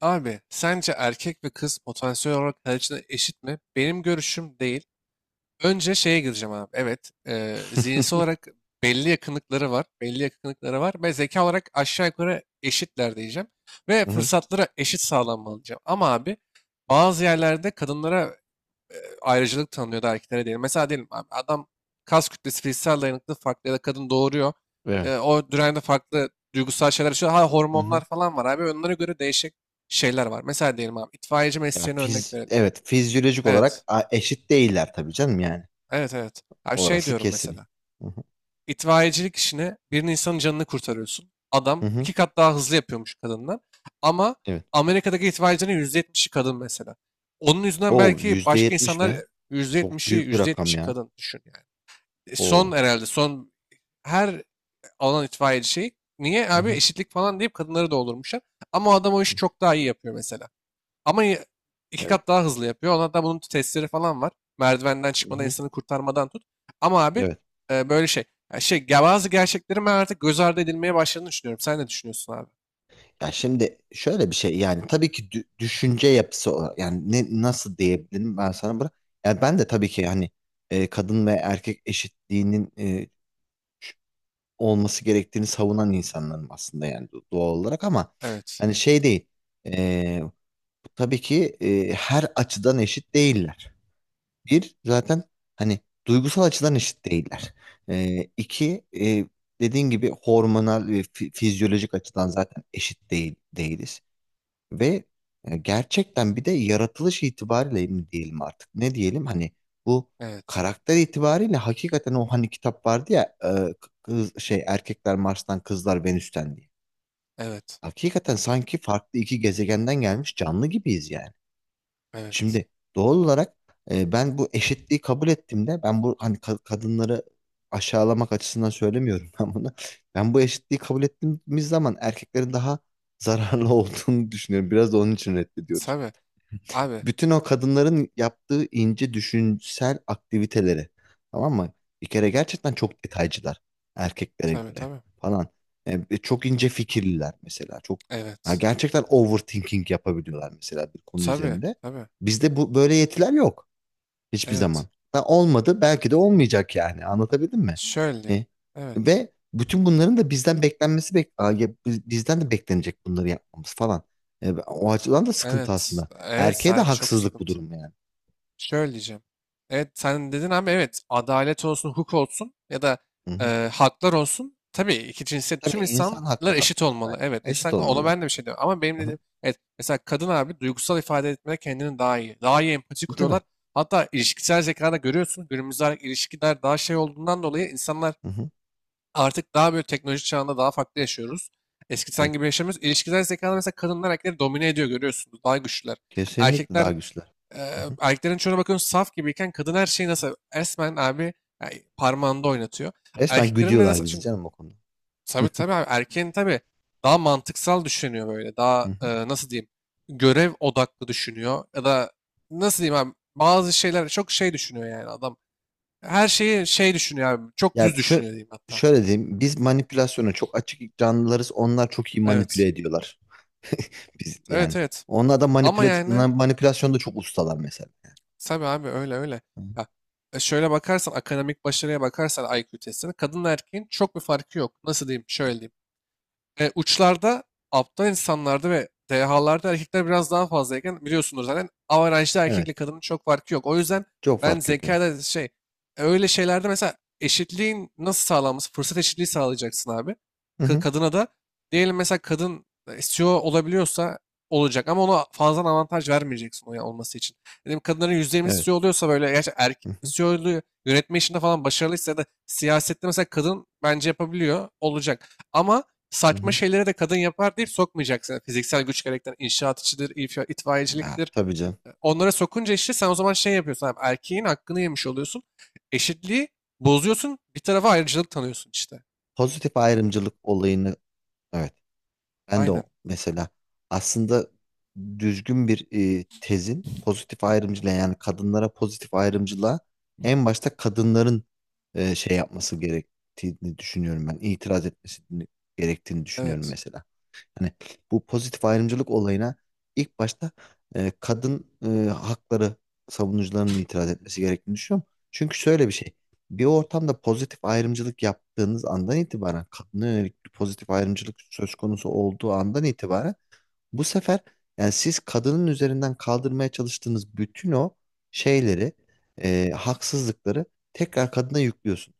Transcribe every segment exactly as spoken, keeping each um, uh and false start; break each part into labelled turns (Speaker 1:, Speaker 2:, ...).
Speaker 1: Abi sence erkek ve kız potansiyel olarak kalecide eşit mi? Benim görüşüm değil. Önce şeye gireceğim abi. Evet, e, zihinsel olarak belli yakınlıkları var. Belli yakınlıkları var ve zeka olarak aşağı yukarı eşitler diyeceğim. Ve
Speaker 2: Hı-hı.
Speaker 1: fırsatlara eşit sağlanmalı diyeceğim. Ama abi bazı yerlerde kadınlara e, ayrıcalık tanınıyordu, erkeklere değil. Mesela diyelim abi, adam kas kütlesi fiziksel dayanıklı farklı ya da kadın doğuruyor.
Speaker 2: Evet.
Speaker 1: E, o dönemde farklı duygusal şeyler yaşıyor. Ha,
Speaker 2: Hı-hı.
Speaker 1: hormonlar falan var abi. Onlara göre değişik şeyler var. Mesela diyelim abi, itfaiyeci
Speaker 2: Ya
Speaker 1: mesleğine örnek
Speaker 2: fiz
Speaker 1: verelim.
Speaker 2: evet fizyolojik
Speaker 1: Evet.
Speaker 2: olarak a- eşit değiller tabii canım yani.
Speaker 1: Evet, evet. Abi şey
Speaker 2: Orası
Speaker 1: diyorum
Speaker 2: kesin.
Speaker 1: mesela.
Speaker 2: Hı-hı.
Speaker 1: İtfaiyecilik işine, bir insanın canını kurtarıyorsun. Adam
Speaker 2: Hı-hı.
Speaker 1: iki kat daha hızlı yapıyormuş kadından. Ama
Speaker 2: Evet.
Speaker 1: Amerika'daki itfaiyecinin yüzde yetmişi kadın mesela. Onun yüzünden
Speaker 2: O
Speaker 1: belki
Speaker 2: yüzde
Speaker 1: başka
Speaker 2: yetmiş
Speaker 1: insanlar,
Speaker 2: mi?
Speaker 1: yüzde
Speaker 2: Çok
Speaker 1: yetmişi
Speaker 2: büyük bir
Speaker 1: yüzde
Speaker 2: rakam
Speaker 1: yetmişi
Speaker 2: ya.
Speaker 1: kadın düşün yani. E, Son,
Speaker 2: O.
Speaker 1: herhalde son her alan itfaiyeci şey. Niye abi
Speaker 2: Hı-hı.
Speaker 1: eşitlik falan deyip kadınları doldurmuşlar. Ama o adam o işi çok daha iyi yapıyor mesela. Ama y- iki
Speaker 2: Evet.
Speaker 1: kat daha hızlı yapıyor. Ona da bunun testleri falan var. Merdivenden çıkmadan,
Speaker 2: Hı-hı.
Speaker 1: insanı kurtarmadan tut. Ama abi,
Speaker 2: Evet.
Speaker 1: e, böyle şey. ya şey ya bazı gerçeklerin ben artık göz ardı edilmeye başladığını düşünüyorum. Sen ne düşünüyorsun abi?
Speaker 2: Ya şimdi şöyle bir şey, yani tabii ki dü- düşünce yapısı olarak, yani ne nasıl diyebilirim ben sana bırak. Yani ben de tabii ki hani e, kadın ve erkek eşitliğinin e, olması gerektiğini savunan insanlarım aslında, yani do- doğal olarak, ama
Speaker 1: Evet.
Speaker 2: hani şey değil. Ee, tabii ki e, her açıdan eşit değiller. Bir zaten hani duygusal açıdan eşit değiller. Ee, iki, e, dediğin gibi hormonal ve fi- fizyolojik açıdan zaten eşit değil değiliz. Ve e, gerçekten bir de yaratılış itibariyle mi diyelim, artık ne diyelim, hani bu
Speaker 1: Evet.
Speaker 2: karakter itibariyle, hakikaten o hani kitap vardı ya, e, kız, şey, erkekler Mars'tan kızlar Venüs'ten diye.
Speaker 1: Evet.
Speaker 2: Hakikaten sanki farklı iki gezegenden gelmiş canlı gibiyiz yani.
Speaker 1: Evet.
Speaker 2: Şimdi doğal olarak e, ben bu eşitliği kabul ettiğimde, ben bu hani ka- kadınları aşağılamak açısından söylemiyorum ben bunu. Ben bu eşitliği kabul ettiğimiz zaman erkeklerin daha zararlı olduğunu düşünüyorum. Biraz da onun için reddediyoruz.
Speaker 1: Tabii. Abi.
Speaker 2: Bütün o kadınların yaptığı ince düşünsel aktiviteleri. Tamam mı? Bir kere gerçekten çok detaycılar erkeklere
Speaker 1: Tabii,
Speaker 2: göre
Speaker 1: tabii.
Speaker 2: falan. E, çok ince fikirliler mesela. Çok, ya
Speaker 1: Evet.
Speaker 2: gerçekten overthinking yapabiliyorlar mesela bir konu
Speaker 1: Tabii.
Speaker 2: üzerinde.
Speaker 1: Tabii.
Speaker 2: Bizde bu böyle yetiler yok. Hiçbir zaman.
Speaker 1: Evet.
Speaker 2: Ha, olmadı. Belki de olmayacak yani. Anlatabildim mi?
Speaker 1: Şöyle diyeyim.
Speaker 2: E,
Speaker 1: Evet.
Speaker 2: ve bütün bunların da bizden beklenmesi, bek Aa, ya biz- bizden de beklenecek bunları yapmamız falan. E, o açıdan da sıkıntı
Speaker 1: Evet.
Speaker 2: aslında.
Speaker 1: Evet,
Speaker 2: Erkeğe de
Speaker 1: sen çok
Speaker 2: haksızlık bu
Speaker 1: sıkıntı.
Speaker 2: durum yani.
Speaker 1: Şöyle diyeceğim. Evet sen dedin, ama evet, adalet olsun, hukuk olsun ya da
Speaker 2: Hı hı.
Speaker 1: e, haklar olsun. Tabii, iki cinsiyet,
Speaker 2: Tabii,
Speaker 1: tüm
Speaker 2: insan
Speaker 1: insanlar
Speaker 2: hakları
Speaker 1: eşit
Speaker 2: hakkında
Speaker 1: olmalı.
Speaker 2: evet.
Speaker 1: Evet,
Speaker 2: Eşit
Speaker 1: insan, ona
Speaker 2: olmalılar.
Speaker 1: ben de bir şey diyorum. Ama benim
Speaker 2: Hı hı.
Speaker 1: dediğim, evet, mesela kadın abi duygusal ifade etmede kendini daha iyi. Daha iyi empati
Speaker 2: Tabii.
Speaker 1: kuruyorlar. Hatta ilişkisel zekada görüyorsun. Günümüzde ilişkiler daha şey olduğundan dolayı, insanlar
Speaker 2: Hı hı.
Speaker 1: artık daha böyle teknoloji çağında daha farklı yaşıyoruz. Eskiden
Speaker 2: Evet.
Speaker 1: gibi yaşamıyoruz. İlişkisel zekada mesela kadınlar erkekleri domine ediyor, görüyorsunuz. Daha güçlüler.
Speaker 2: Kesinlikle
Speaker 1: Erkekler
Speaker 2: daha güçlüler.
Speaker 1: e,
Speaker 2: Hı hı.
Speaker 1: erkeklerin çoğuna bakın, saf gibiyken kadın her şeyi nasıl resmen abi, yani parmağında oynatıyor.
Speaker 2: Resmen
Speaker 1: Erkeklerin de
Speaker 2: güdüyorlar
Speaker 1: nasıl,
Speaker 2: bizi
Speaker 1: çünkü
Speaker 2: canım o konuda.
Speaker 1: tabii, tabii abi, erkeğin, tabii, daha mantıksal düşünüyor böyle.
Speaker 2: Hı
Speaker 1: Daha, e,
Speaker 2: hı.
Speaker 1: nasıl diyeyim, görev odaklı düşünüyor ya da, nasıl diyeyim abi, bazı şeyler çok şey düşünüyor yani adam. Her şeyi şey düşünüyor abi. Çok
Speaker 2: Ya
Speaker 1: düz
Speaker 2: şu
Speaker 1: düşünüyor diyeyim hatta.
Speaker 2: şöyle diyeyim. Biz manipülasyona çok açık canlılarız. Onlar çok iyi manipüle
Speaker 1: Evet.
Speaker 2: ediyorlar. Biz yani.
Speaker 1: Evet, evet.
Speaker 2: Onlar da
Speaker 1: Ama
Speaker 2: manipülat
Speaker 1: yani,
Speaker 2: manipülasyonda çok ustalar mesela.
Speaker 1: tabii abi, öyle öyle.
Speaker 2: Hı.
Speaker 1: Ya, e, şöyle bakarsan akademik başarıya, bakarsan I Q testine, kadın erkeğin çok bir farkı yok. Nasıl diyeyim? Şöyle diyeyim. E, uçlarda, aptal insanlarda ve dehalarda erkekler biraz daha fazlayken, biliyorsunuz zaten averajda
Speaker 2: Evet.
Speaker 1: erkekle kadının çok farkı yok. O yüzden
Speaker 2: Çok
Speaker 1: ben
Speaker 2: fark yok, evet.
Speaker 1: zekada şey, e, öyle şeylerde mesela, eşitliğin nasıl sağlanması, fırsat eşitliği sağlayacaksın abi.
Speaker 2: Hı
Speaker 1: Ka-
Speaker 2: hı.
Speaker 1: kadına da, diyelim mesela, kadın C E O olabiliyorsa olacak, ama ona fazladan avantaj vermeyeceksin o ya- olması için. Dedim, kadınların yüzde yirmisi
Speaker 2: Evet.
Speaker 1: C E O oluyorsa böyle, gerçi erkek
Speaker 2: Hı hı.
Speaker 1: C E O'lu yönetme işinde falan başarılıysa, ya da siyasette mesela kadın, bence yapabiliyor olacak. Ama
Speaker 2: Hı
Speaker 1: saçma
Speaker 2: hı.
Speaker 1: şeylere de kadın yapar deyip sokmayacaksın. Yani, fiziksel güç gerektiren inşaat işidir, if-
Speaker 2: Ya,
Speaker 1: itfaiyeciliktir.
Speaker 2: tabii canım.
Speaker 1: Onlara sokunca, işte sen o zaman şey yapıyorsun abi, erkeğin hakkını yemiş oluyorsun. Eşitliği bozuyorsun, bir tarafa ayrıcalık tanıyorsun işte.
Speaker 2: Pozitif ayrımcılık olayını, evet. Ben de o
Speaker 1: Aynen.
Speaker 2: mesela, aslında, düzgün bir e, tezin pozitif ayrımcılığa, yani kadınlara pozitif ayrımcılığa, en başta kadınların e, şey yapması gerektiğini düşünüyorum ben. İtiraz etmesi gerektiğini düşünüyorum
Speaker 1: Evet.
Speaker 2: mesela. Hani bu pozitif ayrımcılık olayına ilk başta e, kadın, e, hakları savunucularının itiraz etmesi gerektiğini düşünüyorum. Çünkü şöyle bir şey. Bir ortamda pozitif ayrımcılık yaptığınız andan itibaren, kadına yönelik bir pozitif ayrımcılık söz konusu olduğu andan itibaren, bu sefer, yani siz kadının üzerinden kaldırmaya çalıştığınız bütün o şeyleri, e, haksızlıkları, tekrar kadına yüklüyorsunuz.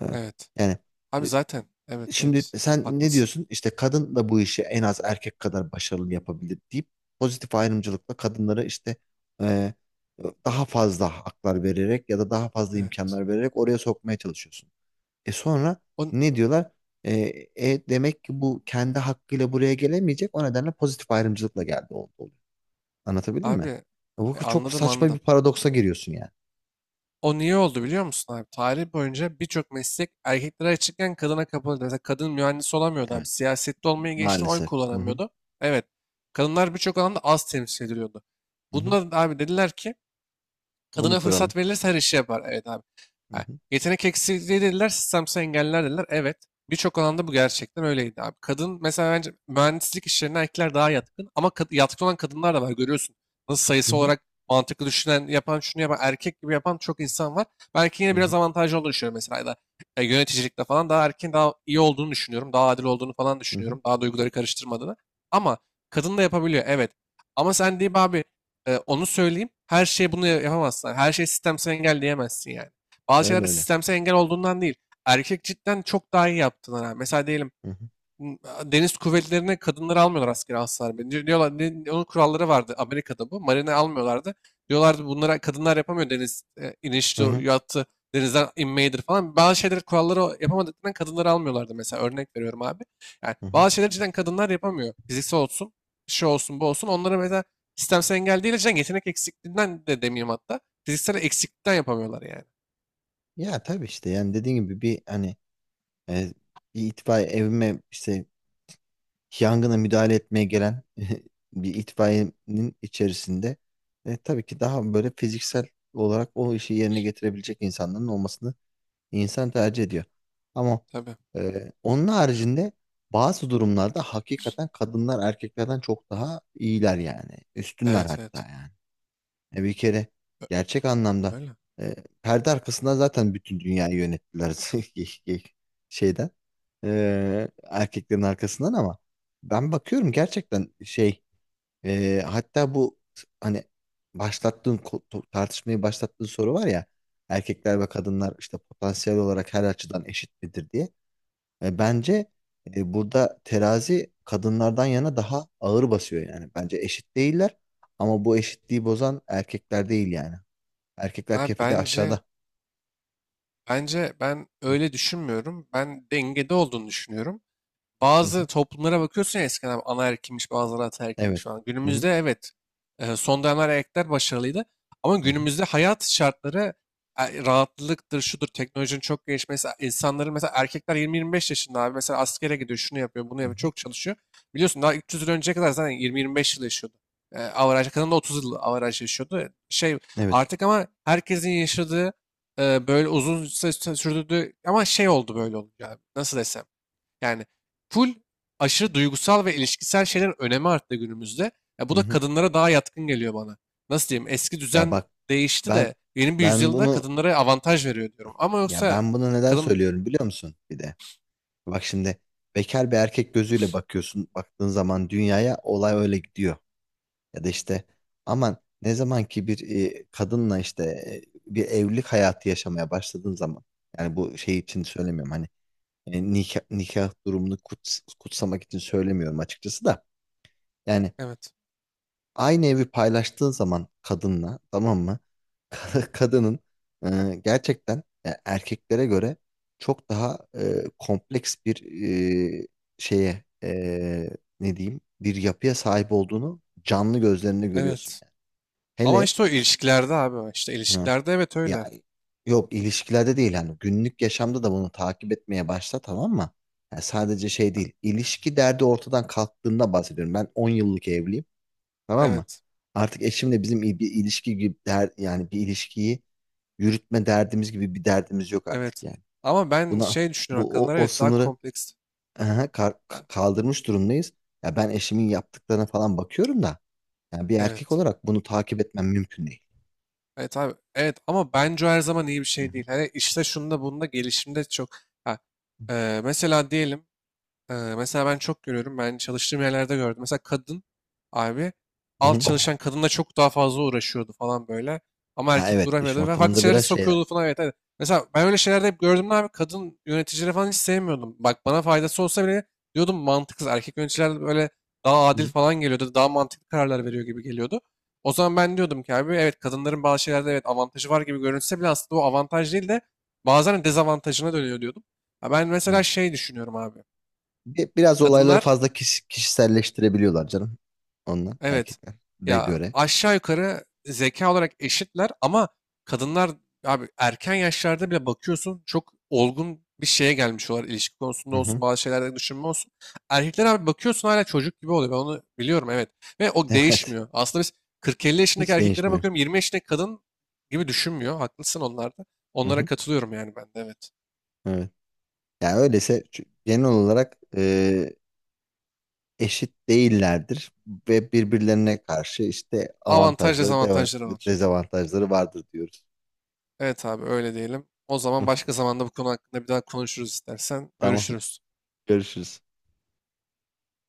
Speaker 2: E,
Speaker 1: Evet.
Speaker 2: yani
Speaker 1: Abi zaten. Evet,
Speaker 2: Şimdi
Speaker 1: evet.
Speaker 2: sen ne
Speaker 1: Haklısın.
Speaker 2: diyorsun? İşte kadın da bu işi en az erkek kadar başarılı yapabilir deyip pozitif ayrımcılıkla kadınlara işte e, daha fazla haklar vererek ya da daha fazla
Speaker 1: Evet.
Speaker 2: imkanlar vererek oraya sokmaya çalışıyorsun. E sonra
Speaker 1: On,
Speaker 2: ne diyorlar? E, e, demek ki bu kendi hakkıyla buraya gelemeyecek. O nedenle pozitif ayrımcılıkla geldi, oldu, oluyor. Anlatabildim mi?
Speaker 1: abi
Speaker 2: Bu
Speaker 1: e,
Speaker 2: çok
Speaker 1: anladım,
Speaker 2: saçma bir
Speaker 1: anladım.
Speaker 2: paradoksa giriyorsun yani.
Speaker 1: O niye oldu biliyor musun abi? Tarih boyunca birçok meslek erkeklere açıkken kadına kapalıydı. Mesela kadın mühendis olamıyordu
Speaker 2: Evet,
Speaker 1: abi. Siyasette olmayı geçtim, oy
Speaker 2: maalesef. Hı hı,
Speaker 1: kullanamıyordu. Evet. Kadınlar birçok alanda az temsil ediliyordu.
Speaker 2: hı hı.
Speaker 1: Bunda da abi dediler ki,
Speaker 2: Bunu
Speaker 1: kadına
Speaker 2: kıralım.
Speaker 1: fırsat verilirse her işi yapar. Evet abi.
Speaker 2: Hı
Speaker 1: Ha,
Speaker 2: hı,
Speaker 1: yetenek eksikliği dediler, sistemsel engeller dediler. Evet. Birçok alanda bu gerçekten öyleydi abi. Kadın mesela, bence mühendislik işlerine erkekler daha yatkın, ama kad- yatkın olan kadınlar da var, görüyorsun. Nasıl,
Speaker 2: hı
Speaker 1: sayısı
Speaker 2: hı,
Speaker 1: olarak mantıklı düşünen, yapan, şunu yapan, erkek gibi yapan çok insan var. Ben erkeğin
Speaker 2: hı
Speaker 1: yine
Speaker 2: hı,
Speaker 1: biraz avantajlı olduğunu düşünüyorum mesela. Ya da, e, yöneticilikte falan daha, erkeğin daha iyi olduğunu düşünüyorum. Daha adil olduğunu falan
Speaker 2: hı hı.
Speaker 1: düşünüyorum. Daha duyguları karıştırmadığını. Ama kadın da yapabiliyor, evet. Ama sen deyip abi, ee, onu söyleyeyim. Her şeye bunu ya- yapamazsın. Her şeyi sistemsel engel diyemezsin yani. Bazı
Speaker 2: Öyle
Speaker 1: şeylerde
Speaker 2: öyle.
Speaker 1: sistemsel engel olduğundan değil, erkek cidden çok daha iyi yaptığına. Mesela diyelim
Speaker 2: Hı hı.
Speaker 1: m, deniz kuvvetlerine kadınları almıyorlar askere, asla. Diyorlar, ne- onun kuralları vardı Amerika'da, bu. Marine almıyorlardı. Diyorlardı bunlara, kadınlar yapamıyor deniz e,
Speaker 2: Hı
Speaker 1: iniştir,
Speaker 2: hı,
Speaker 1: yattı, denizden inmeyidir falan. Bazı şeyleri, kuralları o- yapamadıklarından kadınları almıyorlardı mesela, örnek veriyorum abi. Yani
Speaker 2: hı hı.
Speaker 1: bazı şeyleri cidden kadınlar yapamıyor. Fiziksel olsun, şey olsun, bu olsun. Onlara mesela sistemsel engel değil, cidden yetenek eksikliğinden de demeyeyim hatta. Fiziksel eksiklikten yapamıyorlar yani.
Speaker 2: Ya tabii, işte yani dediğin gibi, bir hani e, bir itfaiye evime işte yangına müdahale etmeye gelen bir itfaiyenin içerisinde e, tabii ki daha böyle fiziksel olarak o işi yerine getirebilecek insanların olmasını insan tercih ediyor. Ama
Speaker 1: Tabii.
Speaker 2: e, onun haricinde bazı durumlarda hakikaten kadınlar erkeklerden çok daha iyiler yani. Üstünler
Speaker 1: Evet,
Speaker 2: hatta
Speaker 1: evet.
Speaker 2: yani. E bir kere
Speaker 1: Ö-
Speaker 2: gerçek anlamda
Speaker 1: Öyle.
Speaker 2: e, perde arkasında zaten bütün dünyayı yönettiler. Ge- ge- şeyden, e, erkeklerin arkasından. Ama ben bakıyorum gerçekten şey, e, hatta bu hani başlattığın ko- to- tartışmayı başlattığın soru var ya, erkekler ve kadınlar işte potansiyel olarak her açıdan eşit midir diye. E, bence e, burada terazi kadınlardan yana daha ağır basıyor yani. Bence eşit değiller, ama bu eşitliği bozan erkekler değil yani. Erkekler
Speaker 1: Abi
Speaker 2: kefede
Speaker 1: bence,
Speaker 2: aşağıda.
Speaker 1: bence ben
Speaker 2: Hı,
Speaker 1: öyle düşünmüyorum. Ben dengede olduğunu düşünüyorum.
Speaker 2: hı,
Speaker 1: Bazı
Speaker 2: hı.
Speaker 1: toplumlara bakıyorsun ya, eskiden anaerkilmiş, bazıları ataerkilmiş
Speaker 2: Evet.
Speaker 1: falan.
Speaker 2: Hı, hı,
Speaker 1: Günümüzde evet, e, son dönemler erkekler başarılıydı. Ama
Speaker 2: hı, hı,
Speaker 1: günümüzde hayat şartları, e, rahatlıktır, şudur, teknolojinin çok gelişmesi. İnsanların mesela, erkekler yirmi yirmi beş yaşında abi, mesela askere gidiyor, şunu yapıyor, bunu
Speaker 2: hı,
Speaker 1: yapıyor,
Speaker 2: hı.
Speaker 1: çok çalışıyor. Biliyorsun, daha üç yüz yıl önceye kadar zaten yirmi yirmi beş yıl yaşıyordu. E, averaj, kadın da otuz yıl averaj yaşıyordu. Şey
Speaker 2: Evet.
Speaker 1: artık, ama herkesin yaşadığı, e, böyle uzun sü- sürdürdüğü, ama şey oldu böyle olunca abi, nasıl desem. Yani, full aşırı duygusal ve ilişkisel şeylerin önemi arttı günümüzde. Ya bu
Speaker 2: Hı,
Speaker 1: da
Speaker 2: hı.
Speaker 1: kadınlara daha yatkın geliyor bana. Nasıl diyeyim? Eski
Speaker 2: Ya
Speaker 1: düzen
Speaker 2: bak,
Speaker 1: değişti
Speaker 2: ben
Speaker 1: de yeni bir
Speaker 2: ben
Speaker 1: yüzyılda
Speaker 2: bunu,
Speaker 1: kadınlara avantaj veriyor diyorum. Ama
Speaker 2: ya
Speaker 1: yoksa
Speaker 2: ben bunu neden
Speaker 1: kadın,
Speaker 2: söylüyorum biliyor musun bir de? Bak şimdi, bekar bir erkek gözüyle bakıyorsun. Baktığın zaman dünyaya olay öyle gidiyor. Ya da işte, aman, ne zaman ki bir e, kadınla işte e, bir evlilik hayatı yaşamaya başladığın zaman, yani bu şey için söylemiyorum hani, e, nikah, nikah durumunu kuts- kutsamak için söylemiyorum açıkçası da, yani
Speaker 1: evet.
Speaker 2: aynı evi paylaştığın zaman kadınla, tamam mı? Kadının e, gerçekten e, erkeklere göre çok daha e, kompleks bir e, şeye e, ne diyeyim, bir yapıya sahip olduğunu canlı gözlerinde görüyorsun
Speaker 1: Evet.
Speaker 2: yani.
Speaker 1: Ama
Speaker 2: Hele.
Speaker 1: işte o ilişkilerde abi, işte
Speaker 2: Hı.
Speaker 1: ilişkilerde evet,
Speaker 2: Ya
Speaker 1: öyle.
Speaker 2: yok, ilişkilerde değil, hani günlük yaşamda da bunu takip etmeye başla, tamam mı? Yani sadece şey değil, ilişki derdi ortadan kalktığında bahsediyorum. Ben on yıllık evliyim, tamam mı?
Speaker 1: Evet.
Speaker 2: Artık eşimle bizim il- bir ilişki gibi der, yani bir ilişkiyi yürütme derdimiz gibi bir derdimiz yok artık
Speaker 1: Evet.
Speaker 2: yani.
Speaker 1: Ama ben
Speaker 2: Buna,
Speaker 1: şey düşünüyorum,
Speaker 2: bu o,
Speaker 1: kadınlar
Speaker 2: o
Speaker 1: evet daha
Speaker 2: sınırı,
Speaker 1: kompleks.
Speaker 2: aha, kar-
Speaker 1: Ha,
Speaker 2: kaldırmış durumdayız. Ya ben eşimin yaptıklarına falan bakıyorum da, yani bir erkek
Speaker 1: evet.
Speaker 2: olarak bunu takip etmem mümkün değil.
Speaker 1: Evet abi. Evet, ama bence o her zaman iyi bir
Speaker 2: Hı
Speaker 1: şey
Speaker 2: hı.
Speaker 1: değil. Hani işte şunda bunda, gelişimde çok. Ha, e, mesela diyelim, Ee, mesela ben çok görüyorum. Ben çalıştığım yerlerde gördüm. Mesela kadın abi
Speaker 2: Hı
Speaker 1: alt
Speaker 2: hı.
Speaker 1: çalışan kadınla çok daha fazla uğraşıyordu falan böyle. Ama
Speaker 2: Ha,
Speaker 1: erkek de
Speaker 2: evet, iş
Speaker 1: uğraşmıyordu ve farklı
Speaker 2: ortamında
Speaker 1: şeylere
Speaker 2: biraz
Speaker 1: sokuyordu
Speaker 2: şeyler.
Speaker 1: falan. Evet, evet. Mesela ben öyle şeylerde hep gördüm de abi, kadın yöneticileri falan hiç sevmiyordum. Bak, bana faydası olsa bile diyordum mantıksız. Erkek yöneticiler böyle daha adil
Speaker 2: Hı,
Speaker 1: falan geliyordu. Daha mantıklı kararlar veriyor gibi geliyordu. O zaman ben diyordum ki abi, evet kadınların bazı şeylerde evet avantajı var gibi görünse bile, aslında o avantaj değil de bazen dezavantajına dönüyor diyordum. Ha, ben
Speaker 2: hı.
Speaker 1: mesela şey düşünüyorum abi.
Speaker 2: Bi- Biraz olayları
Speaker 1: Kadınlar,
Speaker 2: fazla kiş- kişiselleştirebiliyorlar canım. Onlar
Speaker 1: evet,
Speaker 2: erkeklere
Speaker 1: ya
Speaker 2: göre.
Speaker 1: aşağı yukarı zeka olarak eşitler, ama kadınlar abi erken yaşlarda bile bakıyorsun çok olgun bir şeye gelmiş olarak, ilişki konusunda
Speaker 2: Hı
Speaker 1: olsun,
Speaker 2: hı.
Speaker 1: bazı şeylerde düşünme olsun. Erkekler abi bakıyorsun hala çocuk gibi oluyor, ben onu biliyorum evet, ve o
Speaker 2: Evet.
Speaker 1: değişmiyor. Aslında biz kırk elli yaşındaki
Speaker 2: Hiç
Speaker 1: erkeklere
Speaker 2: değişmiyor.
Speaker 1: bakıyorum, yirmi yaşındaki kadın gibi düşünmüyor, haklısın onlarda.
Speaker 2: Hı
Speaker 1: Onlara
Speaker 2: hı.
Speaker 1: katılıyorum yani ben de, evet.
Speaker 2: Evet. Yani öyleyse, çü- genel olarak e, eşit değillerdir ve birbirlerine karşı işte
Speaker 1: Avantaj,
Speaker 2: avantajları, deva-
Speaker 1: dezavantajları var.
Speaker 2: dezavantajları vardır diyoruz.
Speaker 1: Evet abi, öyle diyelim. O
Speaker 2: Hı
Speaker 1: zaman
Speaker 2: hı.
Speaker 1: başka zamanda bu konu hakkında bir daha konuşuruz istersen.
Speaker 2: Tamam.
Speaker 1: Görüşürüz.
Speaker 2: Görüşürüz.